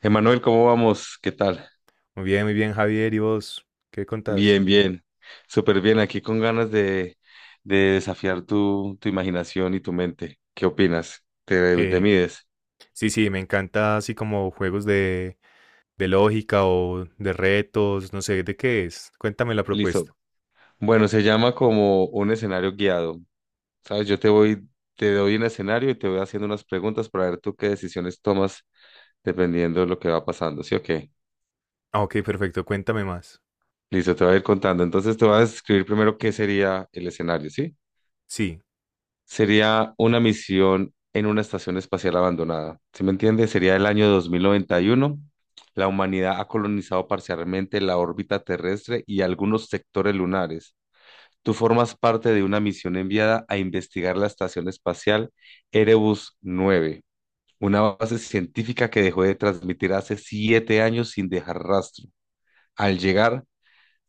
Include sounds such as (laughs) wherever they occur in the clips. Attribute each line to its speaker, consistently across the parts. Speaker 1: Emanuel, ¿cómo vamos? ¿Qué tal?
Speaker 2: Muy bien, Javier. ¿Y vos qué contás?
Speaker 1: Bien, bien. Súper bien. Aquí con ganas de desafiar tu imaginación y tu mente. ¿Qué opinas? ¿Te
Speaker 2: Eh,
Speaker 1: mides?
Speaker 2: sí, sí, me encanta así como juegos de lógica o de retos, no sé, ¿de qué es? Cuéntame la propuesta.
Speaker 1: Listo. Bueno, se llama como un escenario guiado. ¿Sabes? Te doy un escenario y te voy haciendo unas preguntas para ver tú qué decisiones tomas dependiendo de lo que va pasando. ¿Sí o qué?
Speaker 2: Ah, ok, perfecto, cuéntame más.
Speaker 1: Listo, te voy a ir contando. Entonces te voy a describir primero qué sería el escenario, ¿sí?
Speaker 2: Sí,
Speaker 1: Sería una misión en una estación espacial abandonada. ¿Sí me entiende? Sería el año 2091. La humanidad ha colonizado parcialmente la órbita terrestre y algunos sectores lunares. Tú formas parte de una misión enviada a investigar la estación espacial Erebus 9, una base científica que dejó de transmitir hace 7 años sin dejar rastro. Al llegar,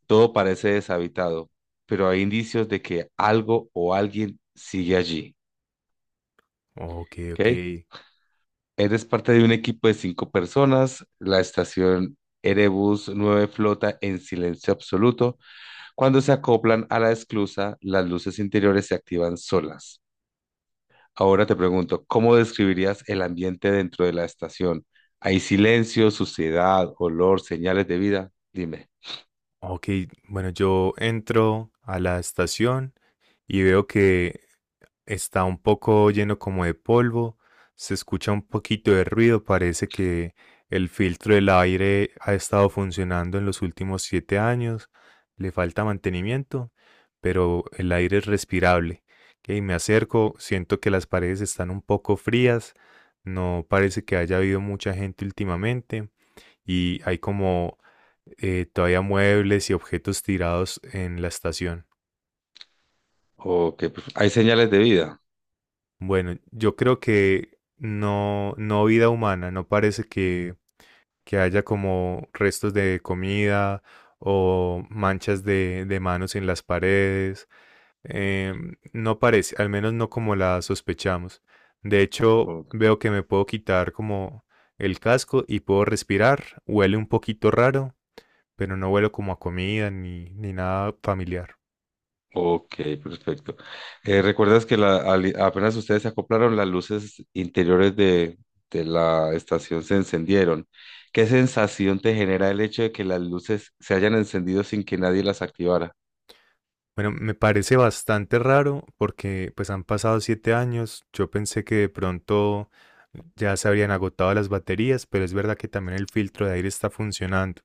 Speaker 1: todo parece deshabitado, pero hay indicios de que algo o alguien sigue allí.
Speaker 2: ok,
Speaker 1: ¿Ok?
Speaker 2: ok.
Speaker 1: Eres parte de un equipo de cinco personas, la estación Erebus 9 flota en silencio absoluto. Cuando se acoplan a la esclusa, las luces interiores se activan solas. Ahora te pregunto, ¿cómo describirías el ambiente dentro de la estación? ¿Hay silencio, suciedad, olor, señales de vida? Dime.
Speaker 2: Ok, bueno, yo entro a la estación y veo que está un poco lleno como de polvo, se escucha un poquito de ruido. Parece que el filtro del aire ha estado funcionando en los últimos 7 años, le falta mantenimiento, pero el aire es respirable. Y me acerco, siento que las paredes están un poco frías, no parece que haya habido mucha gente últimamente y hay como todavía muebles y objetos tirados en la estación.
Speaker 1: Ok, pues, ¿hay señales de vida?
Speaker 2: Bueno, yo creo que no, no vida humana, no parece que haya como restos de comida o manchas de manos en las paredes. No parece, al menos no como la sospechamos. De hecho,
Speaker 1: Ok.
Speaker 2: veo que me puedo quitar como el casco y puedo respirar. Huele un poquito raro, pero no huelo como a comida ni, ni nada familiar.
Speaker 1: Ok, perfecto. ¿Recuerdas que apenas ustedes se acoplaron, las luces interiores de la estación se encendieron? ¿Qué sensación te genera el hecho de que las luces se hayan encendido sin que nadie las activara?
Speaker 2: Bueno, me parece bastante raro porque pues han pasado 7 años. Yo pensé que de pronto ya se habrían agotado las baterías, pero es verdad que también el filtro de aire está funcionando.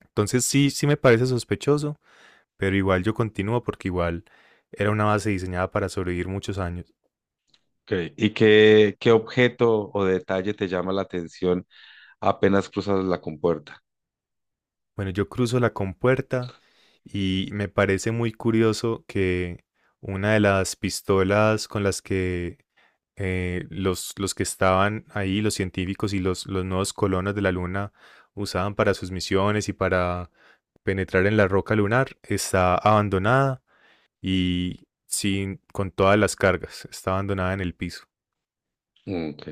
Speaker 2: Entonces sí, sí me parece sospechoso, pero igual yo continúo porque igual era una base diseñada para sobrevivir muchos años.
Speaker 1: Ok. ¿Y qué objeto o detalle te llama la atención apenas cruzas la compuerta?
Speaker 2: Bueno, yo cruzo la compuerta y me parece muy curioso que una de las pistolas con las que los que estaban ahí, los científicos y los nuevos colonos de la Luna usaban para sus misiones y para penetrar en la roca lunar, está abandonada y sin, con todas las cargas, está abandonada en el piso.
Speaker 1: Ok.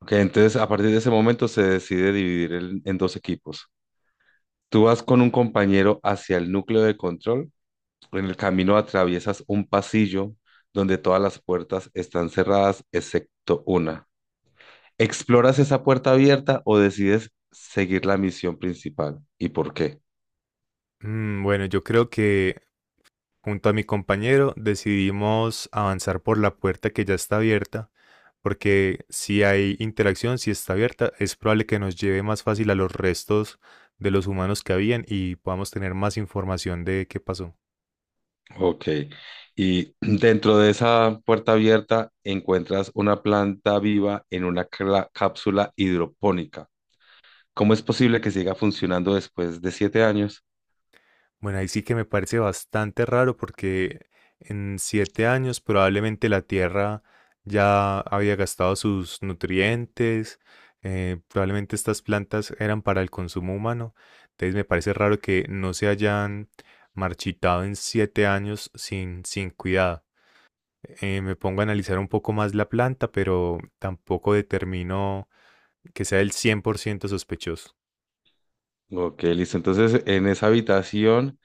Speaker 1: Ok, entonces a partir de ese momento se decide dividir en dos equipos. Tú vas con un compañero hacia el núcleo de control. En el camino atraviesas un pasillo donde todas las puertas están cerradas excepto una. ¿Exploras esa puerta abierta o decides seguir la misión principal? ¿Y por qué?
Speaker 2: Mm, bueno, yo creo que junto a mi compañero decidimos avanzar por la puerta que ya está abierta, porque si hay interacción, si está abierta, es probable que nos lleve más fácil a los restos de los humanos que habían y podamos tener más información de qué pasó.
Speaker 1: Ok. Y (clears throat) dentro de esa puerta abierta encuentras una planta viva en una cápsula hidropónica. ¿Cómo es posible que siga funcionando después de 7 años?
Speaker 2: Bueno, ahí sí que me parece bastante raro porque en siete años probablemente la tierra ya había gastado sus nutrientes. Probablemente estas plantas eran para el consumo humano, entonces me parece raro que no se hayan marchitado en 7 años sin, sin cuidado. Me pongo a analizar un poco más la planta, pero tampoco determino que sea el 100% sospechoso.
Speaker 1: Ok, listo. Entonces, en esa habitación,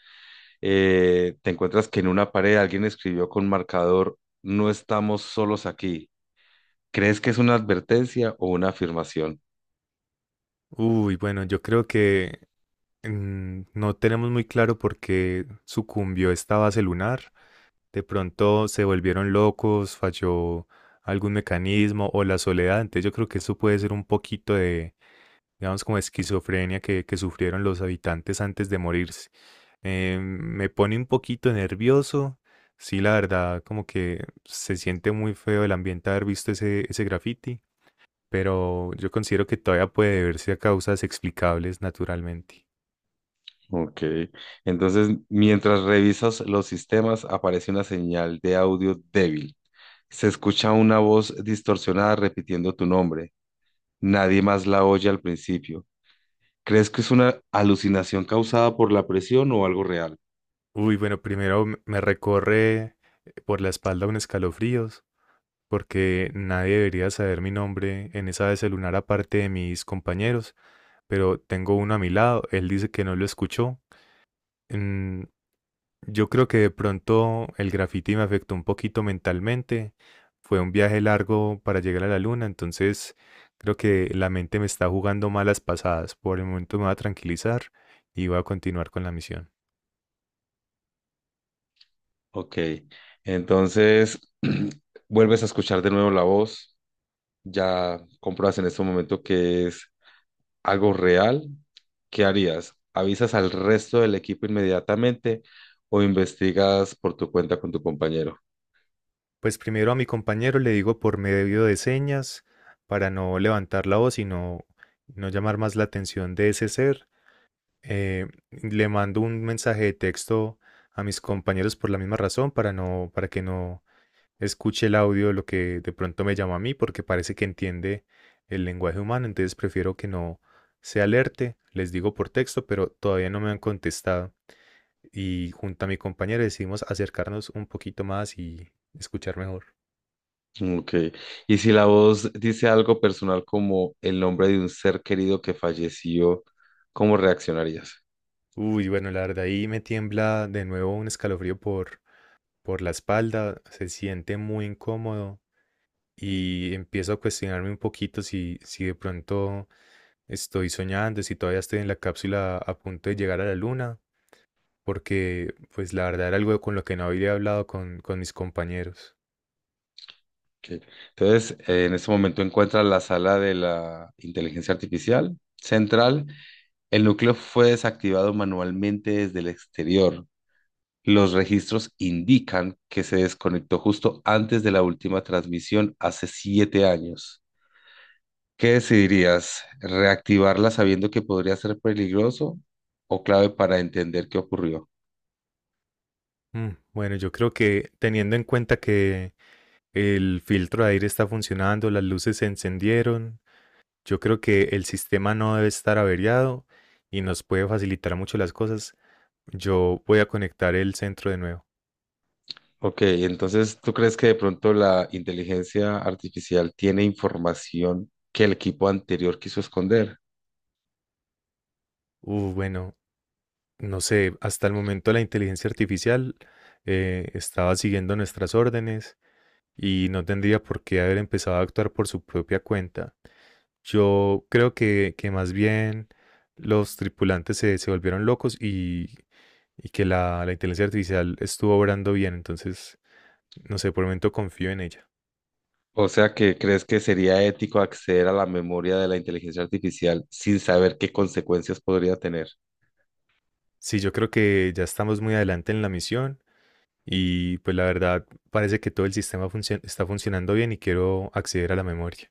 Speaker 1: te encuentras que en una pared alguien escribió con marcador, no estamos solos aquí. ¿Crees que es una advertencia o una afirmación?
Speaker 2: Uy, bueno, yo creo que mm, no tenemos muy claro por qué sucumbió esta base lunar. De pronto se volvieron locos, falló algún mecanismo o la soledad. Entonces yo creo que eso puede ser un poquito de, digamos, como esquizofrenia que sufrieron los habitantes antes de morirse. Me pone un poquito nervioso. Sí, la verdad, como que se siente muy feo el ambiente haber visto ese, ese graffiti, pero yo considero que todavía puede deberse a causas explicables naturalmente.
Speaker 1: Ok. Entonces, mientras revisas los sistemas, aparece una señal de audio débil. Se escucha una voz distorsionada repitiendo tu nombre. Nadie más la oye al principio. ¿Crees que es una alucinación causada por la presión o algo real?
Speaker 2: Uy, bueno, primero me recorre por la espalda un escalofríos, porque nadie debería saber mi nombre en esa vez el lunar aparte de mis compañeros, pero tengo uno a mi lado, él dice que no lo escuchó. Mm, yo creo que de pronto el graffiti me afectó un poquito mentalmente, fue un viaje largo para llegar a la luna, entonces creo que la mente me está jugando malas pasadas. Por el momento me va a tranquilizar y voy a continuar con la misión.
Speaker 1: Ok. Entonces, (clears throat) vuelves a escuchar de nuevo la voz. Ya compruebas en este momento que es algo real, ¿qué harías? ¿Avisas al resto del equipo inmediatamente o investigas por tu cuenta con tu compañero?
Speaker 2: Pues primero a mi compañero le digo por medio de señas para no levantar la voz y no, no llamar más la atención de ese ser. Le mando un mensaje de texto a mis compañeros por la misma razón para no, para que no escuche el audio de lo que de pronto me llama a mí, porque parece que entiende el lenguaje humano, entonces prefiero que no se alerte. Les digo por texto, pero todavía no me han contestado. Y junto a mi compañero decidimos acercarnos un poquito más y escuchar mejor.
Speaker 1: Ok. Y si la voz dice algo personal como el nombre de un ser querido que falleció, ¿cómo reaccionarías?
Speaker 2: Uy, bueno, la verdad ahí me tiembla de nuevo un escalofrío por la espalda, se siente muy incómodo y empiezo a cuestionarme un poquito si, si de pronto estoy soñando, si todavía estoy en la cápsula a punto de llegar a la luna, porque pues la verdad era algo con lo que no había hablado con mis compañeros.
Speaker 1: Ok. Entonces, en este momento encuentras la sala de la inteligencia artificial central. El núcleo fue desactivado manualmente desde el exterior. Los registros indican que se desconectó justo antes de la última transmisión hace 7 años. ¿Qué decidirías? ¿Reactivarla sabiendo que podría ser peligroso o clave para entender qué ocurrió?
Speaker 2: Mm, bueno, yo creo que teniendo en cuenta que el filtro de aire está funcionando, las luces se encendieron, yo creo que el sistema no debe estar averiado y nos puede facilitar mucho las cosas. Yo voy a conectar el centro de nuevo.
Speaker 1: Ok, entonces, ¿tú crees que de pronto la inteligencia artificial tiene información que el equipo anterior quiso esconder?
Speaker 2: Bueno, no sé, hasta el momento la inteligencia artificial estaba siguiendo nuestras órdenes y no tendría por qué haber empezado a actuar por su propia cuenta. Yo creo que más bien los tripulantes se, se volvieron locos y que la inteligencia artificial estuvo obrando bien. Entonces, no sé, por el momento confío en ella.
Speaker 1: O sea, ¿que crees que sería ético acceder a la memoria de la inteligencia artificial sin saber qué consecuencias podría tener?
Speaker 2: Sí, yo creo que ya estamos muy adelante en la misión y pues la verdad parece que todo el sistema está funcionando bien y quiero acceder a la memoria.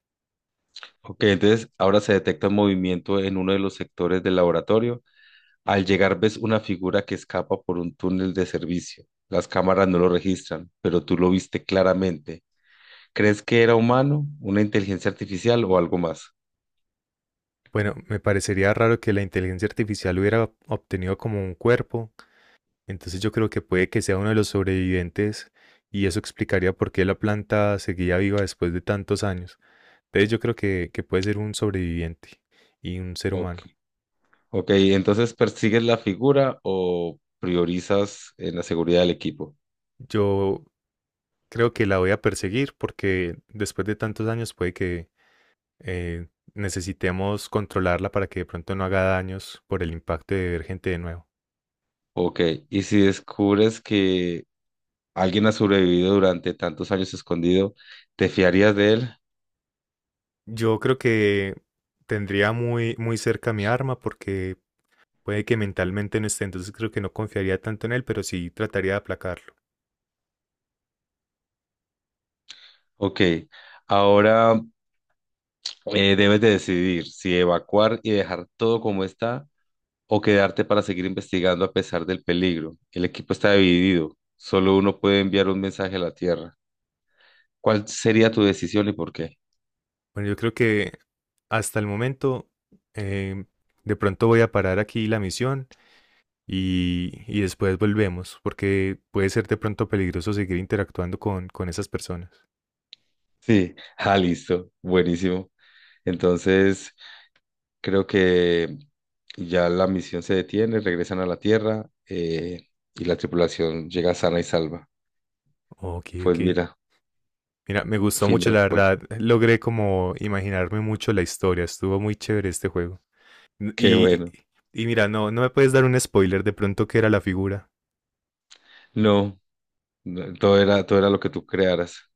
Speaker 1: Ok, entonces ahora se detecta un movimiento en uno de los sectores del laboratorio. Al llegar ves una figura que escapa por un túnel de servicio. Las cámaras no lo registran, pero tú lo viste claramente. ¿Crees que era humano, una inteligencia artificial o algo más?
Speaker 2: Bueno, me parecería raro que la inteligencia artificial hubiera obtenido como un cuerpo, entonces yo creo que puede que sea uno de los sobrevivientes y eso explicaría por qué la planta seguía viva después de tantos años. Entonces yo creo que puede ser un sobreviviente y un ser
Speaker 1: Ok,
Speaker 2: humano.
Speaker 1: ok, entonces persigues la figura o priorizas en la seguridad del equipo.
Speaker 2: Yo creo que la voy a perseguir porque después de tantos años puede que eh, necesitemos controlarla para que de pronto no haga daños por el impacto de ver gente de nuevo.
Speaker 1: Ok, y si descubres que alguien ha sobrevivido durante tantos años escondido, ¿te fiarías de él?
Speaker 2: Yo creo que tendría muy, muy cerca mi arma porque puede que mentalmente no esté, entonces creo que no confiaría tanto en él, pero sí trataría de aplacarlo.
Speaker 1: Ok. Ahora, debes de decidir si evacuar y dejar todo como está o quedarte para seguir investigando a pesar del peligro. El equipo está dividido. Solo uno puede enviar un mensaje a la Tierra. ¿Cuál sería tu decisión y por qué?
Speaker 2: Bueno, yo creo que hasta el momento eh, de pronto voy a parar aquí la misión y después volvemos porque puede ser de pronto peligroso seguir interactuando con esas personas.
Speaker 1: Sí, (laughs) ah, listo, buenísimo. Entonces, creo que ya la misión se detiene, regresan a la Tierra, y la tripulación llega sana y salva.
Speaker 2: Ok,
Speaker 1: Pues
Speaker 2: ok.
Speaker 1: mira,
Speaker 2: Mira, me gustó
Speaker 1: fin
Speaker 2: mucho,
Speaker 1: del
Speaker 2: la
Speaker 1: juego.
Speaker 2: verdad. Logré como imaginarme mucho la historia. Estuvo muy chévere este juego. N-
Speaker 1: Qué
Speaker 2: Y,
Speaker 1: bueno.
Speaker 2: y mira, no, no me puedes dar un spoiler de pronto qué era la figura.
Speaker 1: No, no, todo era lo que tú crearas.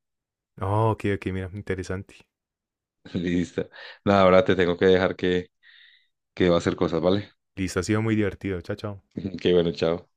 Speaker 2: Oh, ok, ok, mira, interesante.
Speaker 1: (laughs) Listo. Nada, ahora te tengo que dejar que va a hacer cosas, ¿vale?
Speaker 2: Listo, ha sido muy divertido. Chao, chao.
Speaker 1: (laughs) Que bueno, chao.